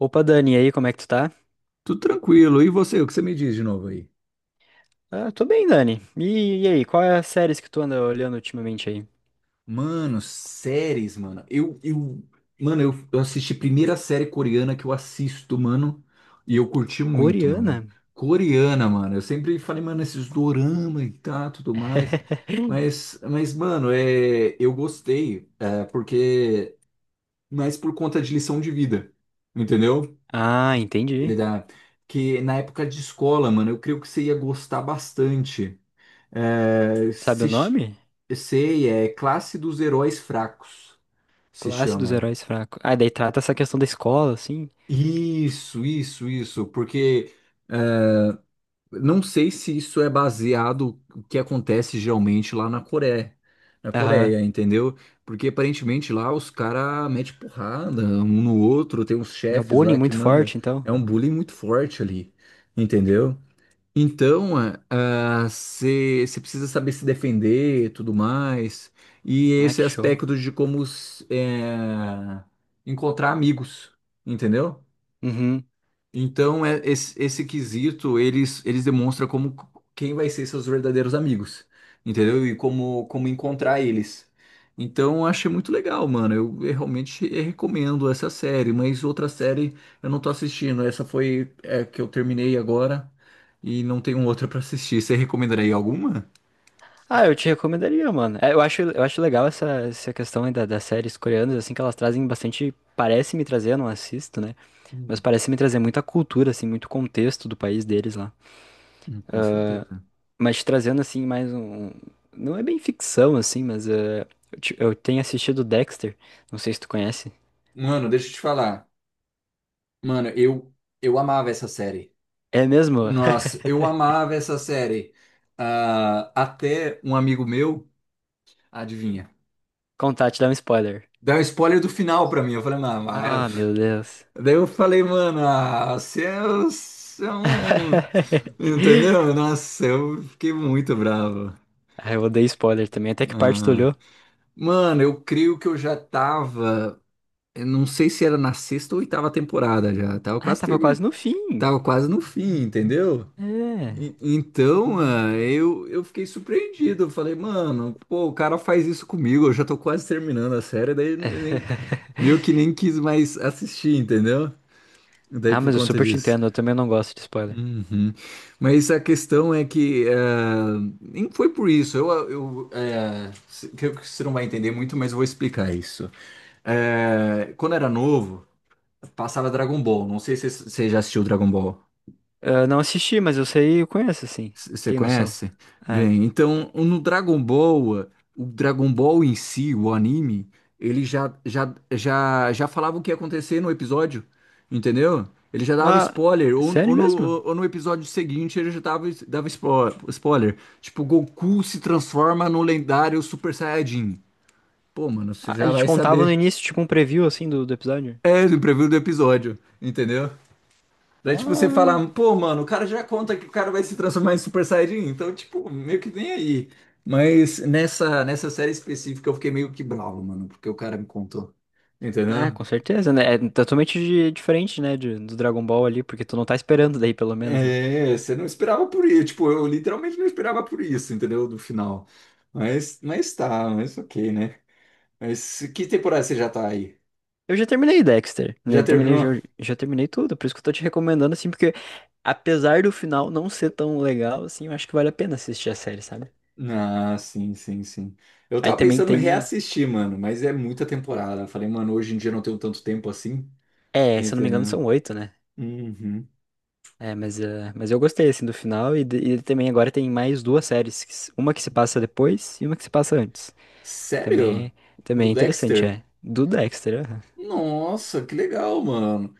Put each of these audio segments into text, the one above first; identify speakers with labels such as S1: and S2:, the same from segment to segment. S1: Opa, Dani, e aí, como é que tu tá?
S2: Tudo tranquilo. E você, o que você me diz de novo aí?
S1: Ah, tô bem, Dani. E aí, qual é as séries que tu anda olhando ultimamente aí?
S2: Mano, séries, mano. Mano, eu assisti a primeira série coreana que eu assisto, mano. E eu curti muito,
S1: Coreana?
S2: mano. Coreana, mano. Eu sempre falei, mano, esses dorama e tá, tudo mais. Mano, eu gostei, porque, mas por conta de lição de vida, entendeu?
S1: Ah,
S2: Ele
S1: entendi.
S2: dá que na época de escola, mano, eu creio que você ia gostar bastante. É,
S1: Sabe o
S2: se
S1: nome?
S2: sei, é Classe dos Heróis Fracos, se
S1: Classe dos
S2: chama.
S1: Heróis Fracos. Ah, daí trata essa questão da escola, assim.
S2: Isso, porque não sei se isso é baseado o que acontece geralmente lá na
S1: Aham.
S2: Coreia, entendeu? Porque aparentemente lá os caras metem porrada um no outro, tem uns
S1: Na
S2: chefes
S1: bullying
S2: lá que
S1: muito
S2: manda.
S1: forte, então.
S2: É um bullying muito forte ali, entendeu? Então, você precisa saber se defender e tudo mais. E
S1: Ah,
S2: esse
S1: que show.
S2: aspecto de como encontrar amigos, entendeu?
S1: Uhum.
S2: Então, esse quesito, eles demonstram como quem vai ser seus verdadeiros amigos, entendeu? E como encontrar eles. Então, eu achei muito legal, mano. Eu realmente recomendo essa série, mas outra série eu não tô assistindo. Essa foi que eu terminei agora e não tenho outra pra assistir. Você recomendaria alguma?
S1: Ah, eu te recomendaria, mano. É, eu acho, eu acho legal essa questão aí da, das séries coreanas, assim, que elas trazem bastante. Parece me trazer, eu não assisto, né? Mas
S2: Hum.
S1: parece me trazer muita cultura, assim, muito contexto do país deles lá.
S2: Com certeza.
S1: Mas trazendo assim mais um, não é bem ficção assim, mas é, eu, eu tenho assistido Dexter. Não sei se tu conhece.
S2: Mano, deixa eu te falar. Mano, eu amava essa série.
S1: É mesmo?
S2: Nossa, eu amava essa série. Ah, até um amigo meu, adivinha,
S1: Contar, te dar um spoiler.
S2: deu um spoiler do final pra mim. Eu falei, mano,
S1: Ah,
S2: mas...
S1: meu Deus.
S2: Daí eu falei, mano, ah, você é um. Entendeu? Nossa, eu fiquei muito bravo.
S1: Ah, eu odeio spoiler também. Até que parte tu
S2: Ah,
S1: olhou?
S2: mano, eu creio que eu já tava. Eu não sei se era na sexta ou oitava temporada já. Tava
S1: Ah,
S2: quase
S1: tava quase
S2: terminando.
S1: no fim.
S2: Tava quase no fim, entendeu?
S1: É.
S2: Então, mano, eu fiquei surpreendido. Eu falei, mano, pô, o cara faz isso comigo. Eu já tô quase terminando a série, daí eu nem, meio que nem quis mais assistir, entendeu? Daí
S1: Ah,
S2: por
S1: mas eu
S2: conta
S1: super te
S2: disso.
S1: entendo. Eu também não gosto de spoiler.
S2: Uhum. Mas a questão é que nem foi por isso. Eu, eh, se- que você não vai entender muito, mas eu vou explicar isso. Quando era novo, passava Dragon Ball. Não sei se você já assistiu Dragon Ball.
S1: Eu não assisti, mas eu sei, eu conheço assim.
S2: Você
S1: Tem noção.
S2: conhece?
S1: É.
S2: Bem, então no Dragon Ball, o Dragon Ball em si, o anime, ele já falava o que ia acontecer no episódio, entendeu? Ele já dava
S1: Ah,
S2: spoiler,
S1: sério mesmo?
S2: ou no episódio seguinte ele já dava spoiler. Tipo, Goku se transforma no lendário Super Saiyajin. Pô, mano, você
S1: Ah,
S2: já
S1: ele te
S2: vai
S1: contava
S2: saber.
S1: no início, tipo um preview assim do episódio?
S2: É, no preview do episódio, entendeu? Daí, tipo, você
S1: Ah.
S2: fala, pô, mano, o cara já conta que o cara vai se transformar em Super Saiyajin, então, tipo, meio que nem aí. Mas nessa série específica eu fiquei meio que bravo, mano, porque o cara me contou.
S1: Ah,
S2: Entendeu?
S1: com certeza, né? É totalmente diferente, né, do Dragon Ball ali, porque tu não tá esperando daí, pelo menos, né?
S2: É, você não esperava por isso. Tipo, eu literalmente não esperava por isso, entendeu? Do final. Mas tá, mas ok, né? Mas que temporada você já tá aí?
S1: Eu já terminei Dexter, né?
S2: Já
S1: Eu terminei, já,
S2: terminou?
S1: já terminei tudo, por isso que eu tô te recomendando, assim, porque apesar do final não ser tão legal, assim, eu acho que vale a pena assistir a série, sabe?
S2: Ah, sim, sim, sim. Eu
S1: Aí
S2: tava
S1: também
S2: pensando em
S1: tem,
S2: reassistir, mano, mas é muita temporada. Eu falei, mano, hoje em dia eu não tenho tanto tempo assim.
S1: é, se eu não me engano
S2: Entendeu?
S1: são oito, né?
S2: Uhum.
S1: É, mas, mas eu gostei, assim, do final, e, e também agora tem mais duas séries, que uma que se passa depois e uma que se passa antes.
S2: Sério?
S1: Também,
S2: O do
S1: também é interessante,
S2: Dexter?
S1: é. Do Dexter,
S2: Nossa, que legal, mano.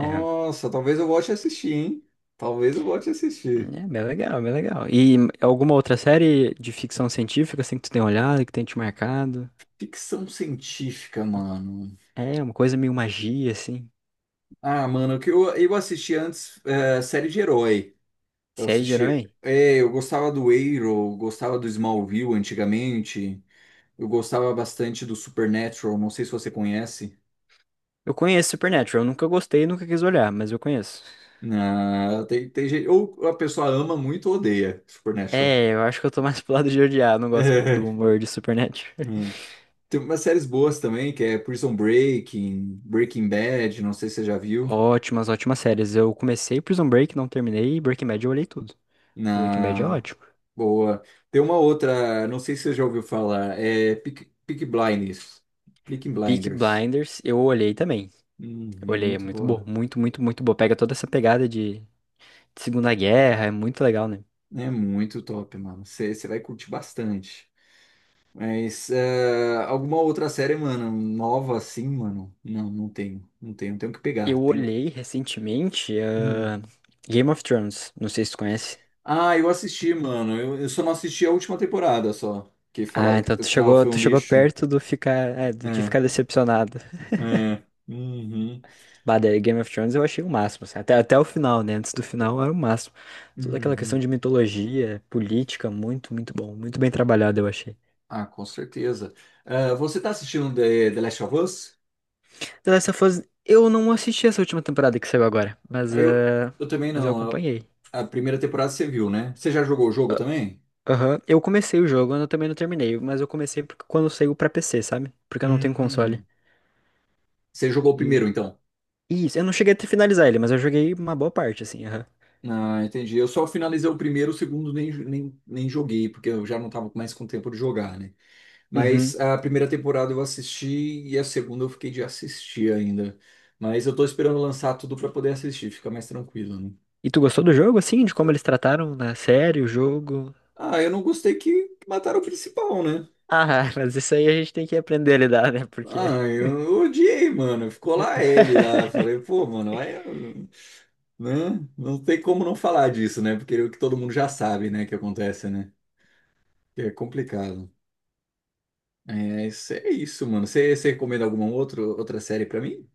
S1: aham.
S2: talvez eu volte a assistir, hein? Talvez eu volte a assistir.
S1: É bem legal, bem legal. E alguma outra série de ficção científica assim que tu tem olhado, que tem te marcado?
S2: Ficção científica, mano.
S1: É, uma coisa meio magia, assim.
S2: Ah, mano, que eu assisti antes série de herói. Eu
S1: Série de
S2: assisti.
S1: herói?
S2: É, eu gostava do Arrow, gostava do Smallville antigamente. Eu gostava bastante do Supernatural, não sei se você conhece.
S1: Eu conheço Supernatural, eu nunca gostei e nunca quis olhar, mas eu conheço.
S2: Ah, tem gente. Ou a pessoa ama muito ou odeia Supernatural.
S1: É, eu acho que eu tô mais pro lado de odiar, não gosto muito do humor de Supernatural.
S2: Tem umas séries boas também, que é Prison Breaking, Breaking Bad, não sei se você já viu.
S1: Ótimas, ótimas séries. Eu comecei Prison Break, não terminei, e Breaking Bad eu olhei tudo. Breaking Bad é
S2: Na
S1: ótimo.
S2: boa. Tem uma outra, não sei se você já ouviu falar, é Peaky Blinders. Peaky
S1: Peaky
S2: Blinders.
S1: Blinders eu olhei também.
S2: Hum,
S1: Eu
S2: é
S1: olhei, é
S2: muito
S1: muito bom,
S2: boa.
S1: muito, muito bom. Pega toda essa pegada de Segunda Guerra, é muito legal, né?
S2: É muito top, mano. Você vai curtir bastante. Mas alguma outra série, mano, nova assim, mano? Não, não tenho. Não tenho. Tenho que pegar.
S1: Eu
S2: Tem...
S1: olhei recentemente,
S2: hum.
S1: ah, Game of Thrones, não sei se tu conhece.
S2: Ah, eu assisti, mano. Eu só não assisti a última temporada só. Que
S1: Ah,
S2: falaram
S1: então
S2: que o final foi
S1: tu
S2: um
S1: chegou
S2: lixo.
S1: perto do ficar, é, de
S2: É,
S1: ficar decepcionado.
S2: é. Uhum,
S1: Bah, daí Game of Thrones eu achei o máximo, assim, até, até o final, né? Antes do final era o máximo. Toda aquela questão
S2: uhum.
S1: de mitologia, política, muito, muito bom, muito bem trabalhado, eu achei.
S2: Ah, com certeza. Ah, você tá assistindo The Last of Us?
S1: The Last of Us, eu não assisti essa última temporada que saiu agora, mas,
S2: Ah, Eu,
S1: ah,
S2: eu também
S1: mas eu
S2: não.
S1: acompanhei.
S2: A primeira temporada você viu, né? Você já jogou o jogo também?
S1: Aham, eu comecei o jogo, eu também não terminei, mas eu comecei porque quando saiu pra PC, sabe? Porque eu não tenho console.
S2: Uhum. Você jogou o primeiro,
S1: E
S2: então?
S1: isso, eu não cheguei a finalizar ele, mas eu joguei uma boa parte, assim, aham.
S2: Ah, entendi. Eu só finalizei o primeiro, o segundo nem joguei, porque eu já não tava mais com tempo de jogar, né? Mas
S1: Uhum.
S2: a primeira temporada eu assisti e a segunda eu fiquei de assistir ainda. Mas eu tô esperando lançar tudo pra poder assistir, fica mais tranquilo, né?
S1: E tu gostou do jogo, assim, de como eles trataram na série, o jogo?
S2: Ah, eu não gostei que mataram o principal, né?
S1: Ah, mas isso aí a gente tem que aprender a lidar, né? Porque.
S2: Ah, eu odiei, mano. Ficou lá ele lá. Falei, pô, mano, aí, né? Não tem como não falar disso, né? Porque o que todo mundo já sabe, né, que acontece, né? Que é complicado. É isso, mano. Você recomenda alguma outra série pra mim?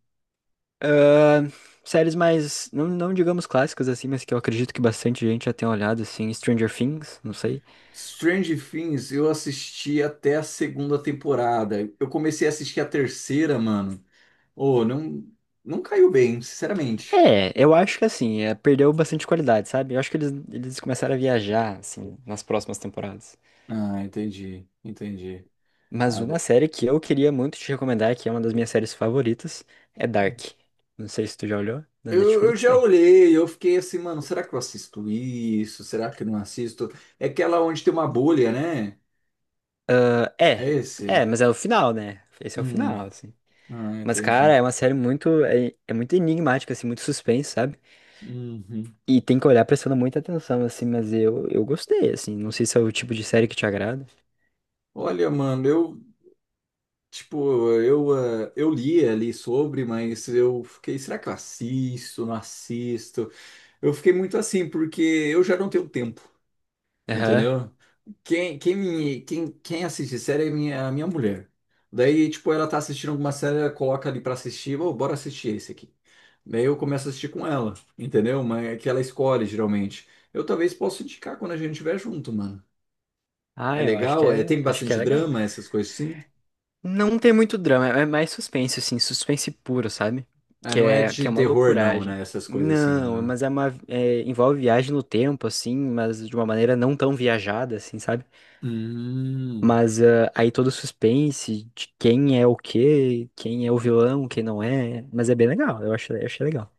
S1: Ah, séries mais, não, não digamos clássicas assim, mas que eu acredito que bastante gente já tenha olhado, assim, Stranger Things, não sei.
S2: Strange Things, eu assisti até a segunda temporada. Eu comecei a assistir a terceira, mano. Oh, não, não caiu bem, sinceramente.
S1: É, eu acho que assim, é, perdeu bastante qualidade, sabe? Eu acho que eles começaram a viajar, assim, nas próximas temporadas.
S2: Ah, entendi, entendi.
S1: Mas
S2: Ah,
S1: uma série que eu queria muito te recomendar, que é uma das minhas séries favoritas, é Dark. Não sei se tu já olhou, na
S2: eu
S1: Netflix
S2: já
S1: tem.
S2: olhei, eu fiquei assim, mano, será que eu assisto isso? Será que eu não assisto? É aquela onde tem uma bolha, né?
S1: Ah,
S2: É
S1: é, é,
S2: esse?
S1: mas é o final, né? Esse é o
S2: Hum,
S1: final, assim. Mas, cara,
S2: entendi.
S1: é uma série muito, é muito enigmática, assim, muito suspense, sabe?
S2: Uhum.
S1: E tem que olhar prestando muita atenção, assim, mas eu gostei, assim. Não sei se é o tipo de série que te agrada.
S2: Olha, mano, eu Tipo, eu li ali sobre, mas eu fiquei, será que eu assisto, não assisto? Eu fiquei muito assim, porque eu já não tenho tempo,
S1: Aham.
S2: entendeu? Quem assiste série é a minha mulher. Daí, tipo, ela tá assistindo alguma série, ela coloca ali pra assistir, ô, bora assistir esse aqui. Daí eu começo a assistir com ela, entendeu? Mas é que ela escolhe, geralmente. Eu talvez possa indicar quando a gente estiver junto, mano. É
S1: Ah, eu
S2: legal, tem
S1: acho que é
S2: bastante
S1: legal.
S2: drama, essas coisas assim?
S1: Não tem muito drama, é mais suspense, assim, suspense puro, sabe?
S2: Ah, não é
S1: Que
S2: de
S1: é uma
S2: terror, não,
S1: loucuragem.
S2: né? Essas coisas assim, não,
S1: Não,
S2: né?
S1: mas é uma. É, envolve viagem no tempo, assim, mas de uma maneira não tão viajada, assim, sabe?
S2: Hum.
S1: Mas ah, aí todo o suspense de quem é o quê, quem é o vilão, quem não é. Mas é bem legal, eu acho, eu achei legal.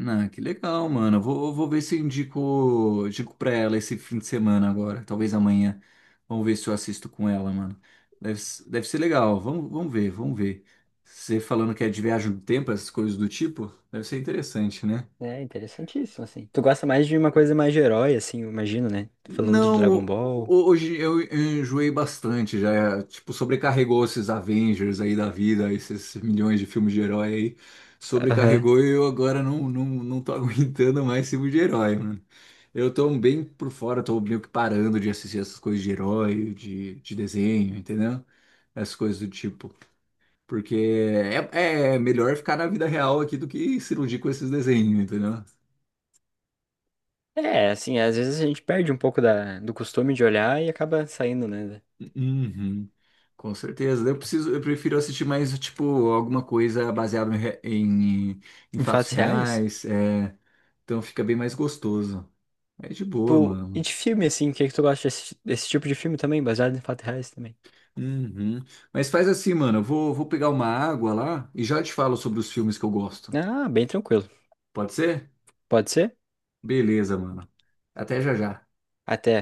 S2: Ah, que legal, mano. Eu vou ver se eu indico pra ela esse fim de semana agora. Talvez amanhã. Vamos ver se eu assisto com ela, mano. Deve ser legal. Vamos ver, vamos ver. Você falando que é de viagem do tempo, essas coisas do tipo, deve ser interessante, né?
S1: É interessantíssimo, assim. Tu gosta mais de uma coisa mais de herói, assim, eu imagino, né? Falando de Dragon
S2: Não,
S1: Ball.
S2: hoje eu enjoei bastante, já, tipo, sobrecarregou esses Avengers aí da vida, esses milhões de filmes de herói aí,
S1: Aham.
S2: sobrecarregou e eu agora não tô aguentando mais filme de herói, mano. Eu tô bem por fora, tô meio que parando de assistir essas coisas de herói, de desenho, entendeu? Essas coisas do tipo, porque é melhor ficar na vida real aqui do que se iludir com esses desenhos, entendeu?
S1: É, assim, às vezes a gente perde um pouco da, do costume de olhar e acaba saindo, né?
S2: Uhum, com certeza. Eu prefiro assistir mais, tipo, alguma coisa baseada em
S1: Em
S2: fatos
S1: fatos reais?
S2: reais. Então fica bem mais gostoso. É de boa,
S1: Tipo, e
S2: mano.
S1: de filme, assim, o que é que tu gosta desse, desse tipo de filme também, baseado em fatos reais também?
S2: Uhum. Mas faz assim, mano. Eu vou pegar uma água lá e já te falo sobre os filmes que eu gosto.
S1: Ah, bem tranquilo.
S2: Pode ser?
S1: Pode ser?
S2: Beleza, mano. Até já já.
S1: Até.